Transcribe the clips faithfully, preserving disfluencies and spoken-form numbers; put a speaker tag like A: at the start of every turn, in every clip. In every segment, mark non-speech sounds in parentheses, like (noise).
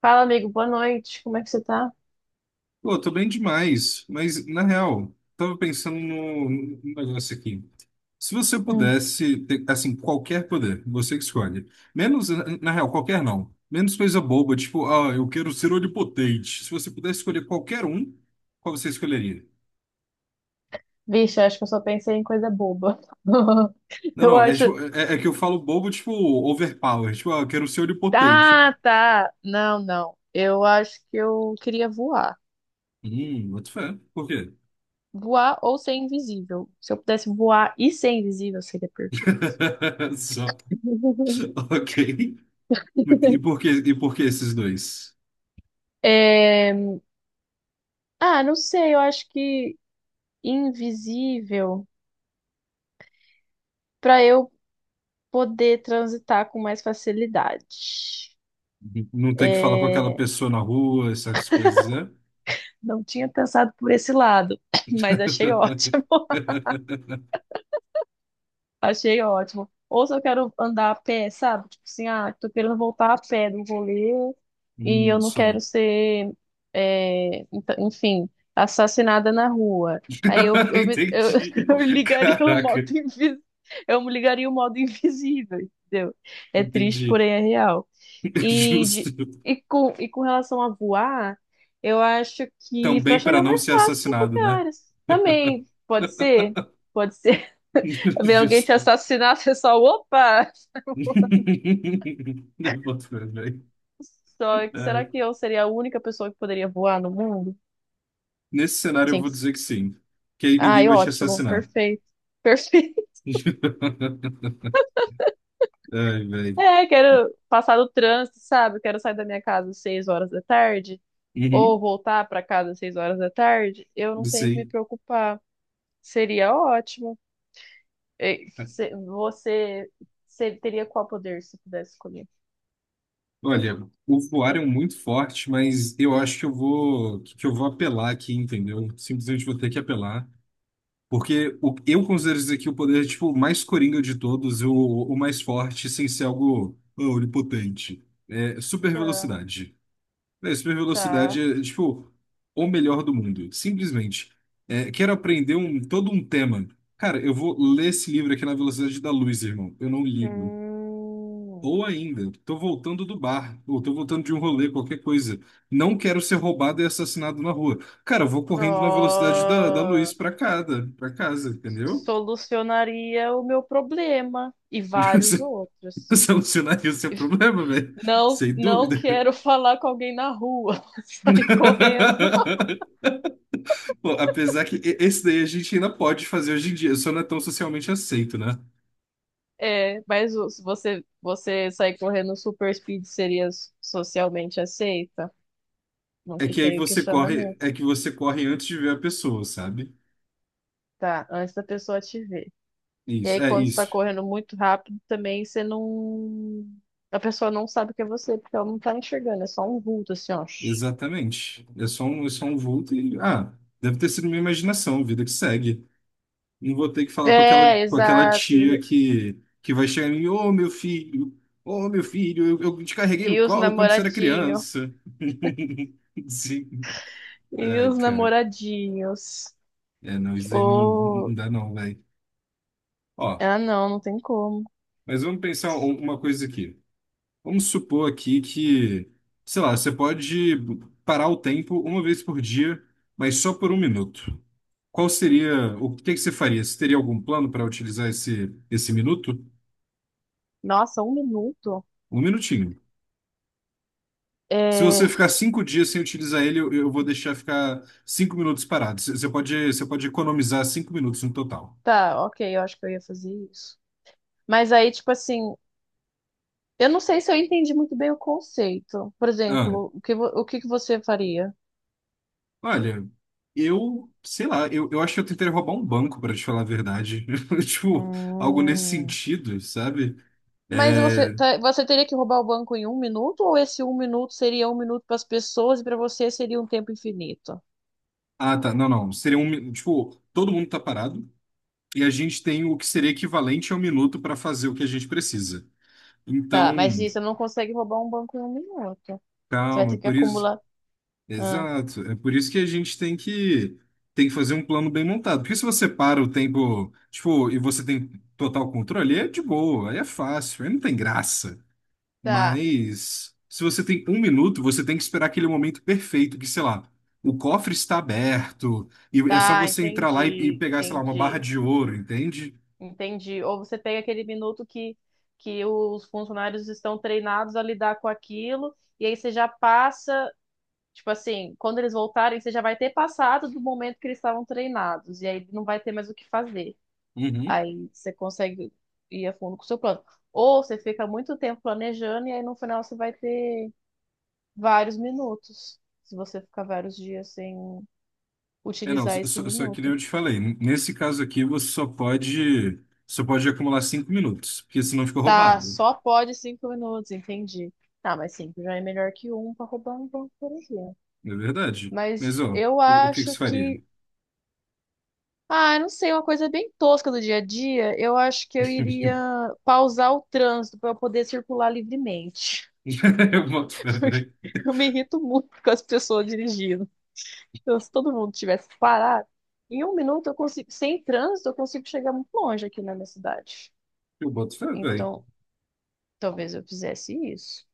A: Fala, amigo, boa noite. Como é que você tá?
B: Pô, tô bem demais, mas na real, tava pensando no, no negócio aqui. Se você
A: Hum.
B: pudesse ter, assim, qualquer poder, você que escolhe. Menos, na na real, qualquer não. Menos coisa boba, tipo, ah, eu quero ser onipotente. Se você pudesse escolher qualquer um, qual você escolheria?
A: Vixe, acho que eu só pensei em coisa boba. (laughs)
B: Não,
A: Eu
B: não, é,
A: acho.
B: tipo- é, é que eu falo bobo, tipo, overpower. Tipo, ah, eu quero ser onipotente.
A: Tá, tá. Não, não. Eu acho que eu queria voar.
B: Hum, boto fé. Por quê?
A: Voar ou ser invisível. Se eu pudesse voar e ser invisível, seria perfeito.
B: (laughs) Só.
A: (laughs)
B: Ok. E por que, e por que esses dois?
A: É. Ah, não sei. Eu acho que invisível para eu poder transitar com mais facilidade.
B: Não ter que falar com aquela
A: É.
B: pessoa na rua, essas coisas, né?
A: Não tinha pensado por esse lado, (laughs) (clears throat) mas achei ótimo.
B: (laughs)
A: Achei ótimo. Ou se eu quero andar a pé, sabe? Tipo assim, ah, tô querendo voltar a pé do rolê e eu
B: Hum,
A: não quero
B: só.
A: ser, é, ent- enfim, assassinada na rua. Aí eu,
B: (laughs)
A: eu, me- eu,
B: Entendi.
A: (laughs) eu ligaria o
B: Caraca,
A: modo invisível. Eu ligaria o modo invisível, entendeu? É triste,
B: entendi.
A: porém é real.
B: (laughs)
A: E,
B: Justo.
A: de, e, com, e com relação a voar, eu acho que para
B: Também para
A: chegar
B: não
A: mais
B: ser
A: fácil nos
B: assassinado, né?
A: lugares. Também,
B: (laughs)
A: pode ser? Pode ser. (laughs) Ver alguém te
B: Justo.
A: assassinar, (laughs) você só, opa!
B: (laughs) Eu boto fé, velho.
A: Só que será
B: Ai.
A: que eu seria a única pessoa que poderia voar no mundo?
B: Nesse cenário eu
A: Sim.
B: vou dizer que sim. Que aí ninguém
A: Ai,
B: vai te
A: ótimo,
B: assassinar.
A: perfeito. Perfeito. (laughs)
B: (laughs) Ai, velho.
A: É, quero passar do trânsito, sabe? Quero sair da minha casa às seis horas da tarde, ou
B: Uhum.
A: voltar para casa às seis horas da tarde. Eu não tenho que me
B: Sim.
A: preocupar. Seria ótimo. É, cê- Você, você teria qual poder se pudesse escolher?
B: Olha, o voar é muito forte, mas eu acho que eu vou que eu vou apelar aqui, entendeu? Simplesmente vou ter que apelar, porque o, eu considero isso aqui o poder tipo o mais coringa de todos, o, o mais forte, sem ser algo ah, onipotente. É super
A: Tá,
B: velocidade. É, super
A: tá.
B: velocidade é tipo o melhor do mundo, simplesmente. É, quero aprender um todo um tema. Cara, eu vou ler esse livro aqui na velocidade da luz, irmão. Eu não ligo.
A: Hum,
B: Ou ainda, tô voltando do bar, ou tô voltando de um rolê, qualquer coisa. Não quero ser roubado e assassinado na rua. Cara, eu vou correndo na velocidade da, da
A: ó,
B: luz pra casa, pra casa, entendeu?
A: solucionaria o meu problema e vários
B: (laughs)
A: outros.
B: Solucionar isso é problema, velho.
A: Não,
B: Sem
A: não
B: dúvida.
A: quero falar com alguém na rua. (laughs) Sai correndo.
B: (laughs) Pô, apesar que e- esse daí a gente ainda pode fazer hoje em dia, só não é tão socialmente aceito, né?
A: É, mas o- se você, você sair correndo super speed seria socialmente aceita? Não
B: É que
A: fica
B: aí
A: aí o
B: você corre,
A: questionamento.
B: é que você corre antes de ver a pessoa, sabe?
A: Tá, antes da pessoa te ver. E
B: Isso,
A: aí,
B: é
A: quando você tá
B: isso.
A: correndo muito rápido, também você não. A pessoa não sabe que é você, porque ela não tá enxergando, é só um vulto, assim, ó.
B: Exatamente. É só um, é só um vulto e. Ah, deve ter sido minha imaginação, vida que segue. Não vou ter que falar com aquela,
A: É,
B: com aquela
A: exato. E,
B: tia que, que vai chegar em mim, ô meu filho, ô meu filho, eu, eu te carreguei no
A: e os
B: colo quando você era
A: namoradinhos.
B: criança. (laughs) Sim.
A: E
B: Ai,
A: os
B: cara.
A: namoradinhos.
B: É, não, isso aí não, não
A: Ou.
B: dá não, velho. Ó,
A: Ah, não, não tem como.
B: mas vamos pensar um- uma coisa aqui. Vamos supor aqui que, sei lá, você pode parar o tempo uma vez por dia, mas só por um minuto. Qual seria, o que que você faria? Você teria algum plano para utilizar esse, esse minuto?
A: Nossa, um minuto?
B: Um minutinho. Se você
A: É.
B: ficar cinco dias sem utilizar ele, eu, eu vou deixar ficar cinco minutos parado. Você você pode, você pode economizar cinco minutos no total.
A: Tá, ok, eu acho que eu ia fazer isso. Mas aí, tipo assim, eu não sei se eu entendi muito bem o conceito. Por
B: Ah,
A: exemplo, o que, vo- o que que você faria?
B: olha, eu, sei lá, eu, eu acho que eu tentaria roubar um banco, para te falar a verdade. (laughs) Tipo, algo nesse
A: Hum.
B: sentido, sabe?
A: Mas você,
B: É,
A: tá- você teria que roubar o banco em um minuto, ou esse um minuto seria um minuto para as pessoas e para você seria um tempo infinito?
B: Ah, tá. Não, não. Seria um. mi- Tipo, todo mundo tá parado e a gente tem o que seria equivalente a um minuto para fazer o que a gente precisa. Então,
A: Tá, mas isso, você não consegue roubar um banco em um minuto. Você vai
B: calma, é
A: ter que
B: por isso.
A: acumular. Ah,
B: Exato. É por isso que a gente tem que tem que fazer um plano bem montado. Porque se você para o tempo, tipo, e você tem total controle, aí é de boa, aí é fácil, aí não tem graça.
A: tá,
B: Mas se você tem um minuto, você tem que esperar aquele momento perfeito, que, sei lá, o cofre está aberto, e é só
A: tá,
B: você entrar lá e, e
A: entendi,
B: pegar, sei lá, uma barra
A: entendi,
B: de ouro, entende?
A: entendi. Ou você pega aquele minuto que, que os funcionários estão treinados a lidar com aquilo, e aí você já passa, tipo assim, quando eles voltarem, você já vai ter passado do momento que eles estavam treinados, e aí não vai ter mais o que fazer.
B: Uhum.
A: Aí você consegue ir a fundo com o seu plano. Ou você fica muito tempo planejando e aí no final você vai ter vários minutos, se você ficar vários dias sem
B: É, não,
A: utilizar
B: só,
A: esse
B: só só que nem
A: minuto.
B: eu te falei, n- nesse caso aqui você só pode, só pode acumular cinco minutos, porque senão fica
A: Tá,
B: roubado.
A: só pode cinco minutos, entendi. Tá, mas cinco já é melhor que um para roubar um banco, por exemplo.
B: É verdade. Mas,
A: Mas
B: ó,
A: eu
B: o, o que que
A: acho
B: você faria?
A: que. Ah, eu não sei, uma coisa bem tosca do dia a dia. Eu acho que eu iria
B: (laughs)
A: pausar o trânsito para eu poder circular livremente.
B: Eu boto fé,
A: (laughs) Porque
B: velho.
A: eu me irrito muito com as pessoas dirigindo. Então, se todo mundo tivesse parado, em um minuto eu consigo, sem trânsito, eu consigo chegar muito longe aqui na minha cidade.
B: Eu boto fé, velho.
A: Então, talvez eu fizesse isso.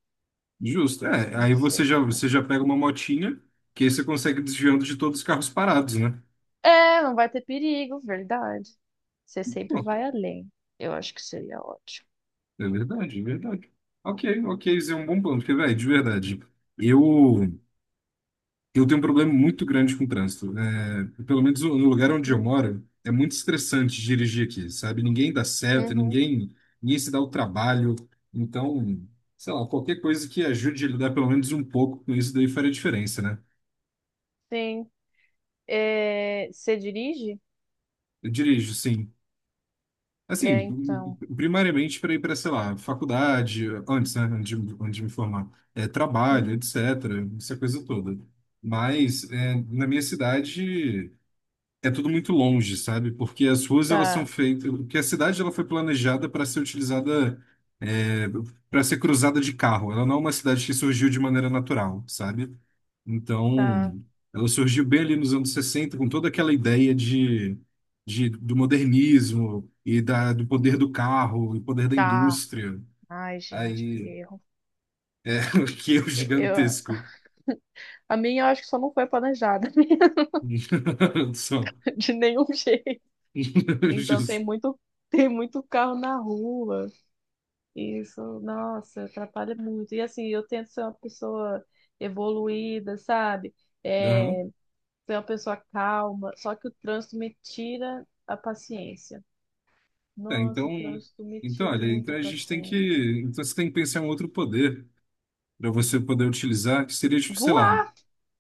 B: Justo. É,
A: Não
B: aí você
A: sei
B: já,
A: se mais.
B: você já pega uma motinha, que aí você consegue desviando de todos os carros parados, né?
A: É, não vai ter perigo, verdade. Você sempre
B: Pô,
A: vai além. Eu acho que seria ótimo.
B: é verdade, é verdade. Ok, ok, isso é um bom plano, porque, velho, de verdade, eu, eu tenho um problema muito grande com o trânsito. É, pelo menos no lugar onde eu
A: Uhum,
B: moro, é muito estressante dirigir aqui, sabe? Ninguém dá certo,
A: uhum,
B: ninguém, ninguém se dá o trabalho. Então, sei lá, qualquer coisa que ajude a lidar pelo menos um pouco com isso daí faria diferença, né?
A: sim. É, você dirige?
B: Eu dirijo, sim.
A: É,
B: Assim,
A: então.
B: primariamente para ir para, sei lá, faculdade, antes, né, antes de, antes de me formar, é, trabalho,
A: Uhum.
B: etcétera, essa coisa toda. Mas é, na minha cidade é tudo muito longe, sabe? Porque as ruas elas são
A: Tá,
B: feitas, porque a cidade ela foi planejada para ser utilizada, é, para ser cruzada de carro. Ela não é uma cidade que surgiu de maneira natural, sabe?
A: tá,
B: Então, ela surgiu bem ali nos anos sessenta com toda aquela ideia de, de, do modernismo e da, do poder do carro e poder da
A: tá.
B: indústria.
A: Ai, gente, que
B: Aí,
A: erro.
B: (laughs) que é o
A: Eu,
B: gigantesco.
A: a minha eu acho que só não foi planejada, (laughs)
B: (laughs) Só.
A: de nenhum jeito.
B: (laughs)
A: Então
B: Justo.
A: tem muito, (laughs) tem muito carro na rua. Isso, nossa, atrapalha muito. E assim, eu tento ser uma pessoa evoluída, sabe?
B: Aham.
A: É, ser uma pessoa calma, só que o trânsito me tira a paciência.
B: É,
A: Nossa,
B: então,
A: o trânsito me
B: então,
A: tira
B: olha,
A: muito
B: então
A: a
B: a gente tem
A: paciência.
B: que. Então você tem que pensar em um outro poder para você poder utilizar, que seria, tipo, sei lá.
A: Voar,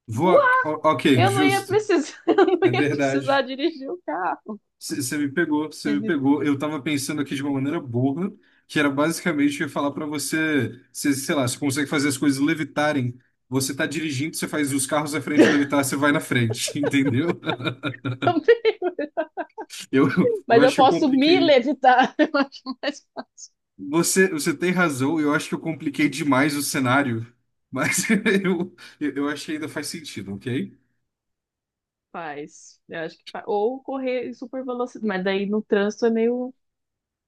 B: Voar.
A: voar.
B: O- ok,
A: Eu não ia
B: justo.
A: precisar, (laughs) eu não
B: É
A: ia precisar
B: verdade.
A: dirigir o carro.
B: Você me pegou,
A: (laughs)
B: você me
A: Entendeu?
B: pegou. Eu tava pensando aqui de uma maneira burra, que era basicamente eu ia falar pra você, cê, sei lá, você consegue fazer as coisas levitarem. Você tá dirigindo, você faz os carros à frente levitar, você vai na frente, (laughs) entendeu? Eu, eu
A: Mas eu
B: acho que eu
A: posso me
B: compliquei.
A: levitar. (laughs) Eu acho mais.
B: Você, você tem razão, eu acho que eu compliquei demais o cenário, mas (laughs) eu, eu eu acho que ainda faz sentido, ok?
A: Faz. Eu acho que faz. Ou correr em super velocidade. Mas daí no trânsito é meio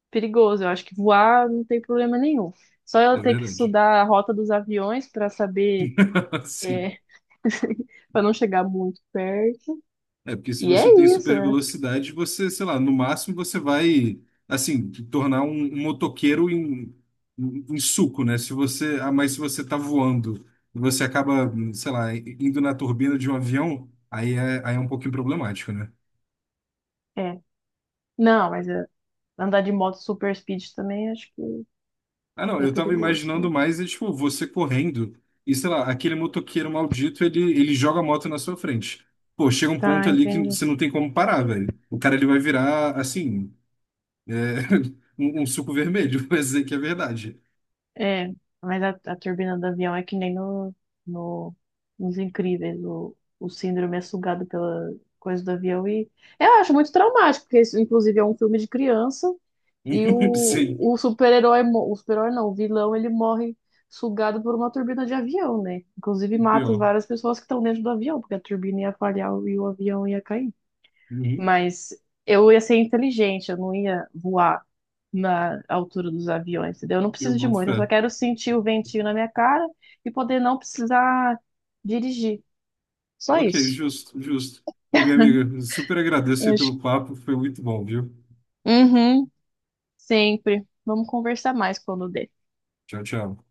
A: perigoso. Eu acho que voar não tem problema nenhum. Só eu
B: É
A: ter que
B: verdade.
A: estudar a rota dos aviões para saber.
B: (laughs) Sim.
A: É, (laughs) para não chegar muito perto.
B: É, porque se
A: E é
B: você tem super
A: isso, né?
B: velocidade, você, sei lá, no máximo você vai, assim, te tornar um, um motoqueiro em, em, em suco, né? Se você, ah, mas se você tá voando e você acaba, sei lá, indo na turbina de um avião, aí é, aí é um pouquinho problemático, né?
A: É. Não, mas é, andar de moto super speed também acho que
B: Ah, não,
A: é
B: eu tava
A: perigoso
B: imaginando
A: também.
B: mais, é, tipo, você correndo e, sei lá, aquele motoqueiro maldito, ele, ele joga a moto na sua frente. Pô, chega um ponto
A: Tá,
B: ali que
A: entendi.
B: você não tem como parar, velho. O cara, ele vai virar, assim. É, (laughs) um, um suco vermelho, (laughs) mas dizer que é verdade.
A: É, mas a, a turbina do avião é que nem no, no, nos Incríveis, o, o Síndrome é sugado pela coisa do avião e eu acho muito traumático, porque isso, inclusive, é um filme de criança e o,
B: (laughs) Sim,
A: o super-herói, mo- o super-herói não, o vilão, ele morre sugado por uma turbina de avião, né? Inclusive mata as
B: pior.
A: várias pessoas que estão dentro do avião, porque a turbina ia falhar e o avião ia cair.
B: Uhum,
A: Mas eu ia ser inteligente, eu não ia voar na altura dos aviões, entendeu? Eu não
B: eu
A: preciso de
B: boto
A: muito, eu
B: fé.
A: só quero sentir o ventinho na minha cara e poder não precisar dirigir. Só
B: Ok,
A: isso.
B: justo, justo. Ô, minha amiga, super agradeço
A: Eu
B: aí pelo
A: acho-
B: papo, foi muito bom, viu?
A: Uhum, sempre. Vamos conversar mais quando der.
B: Tchau, tchau.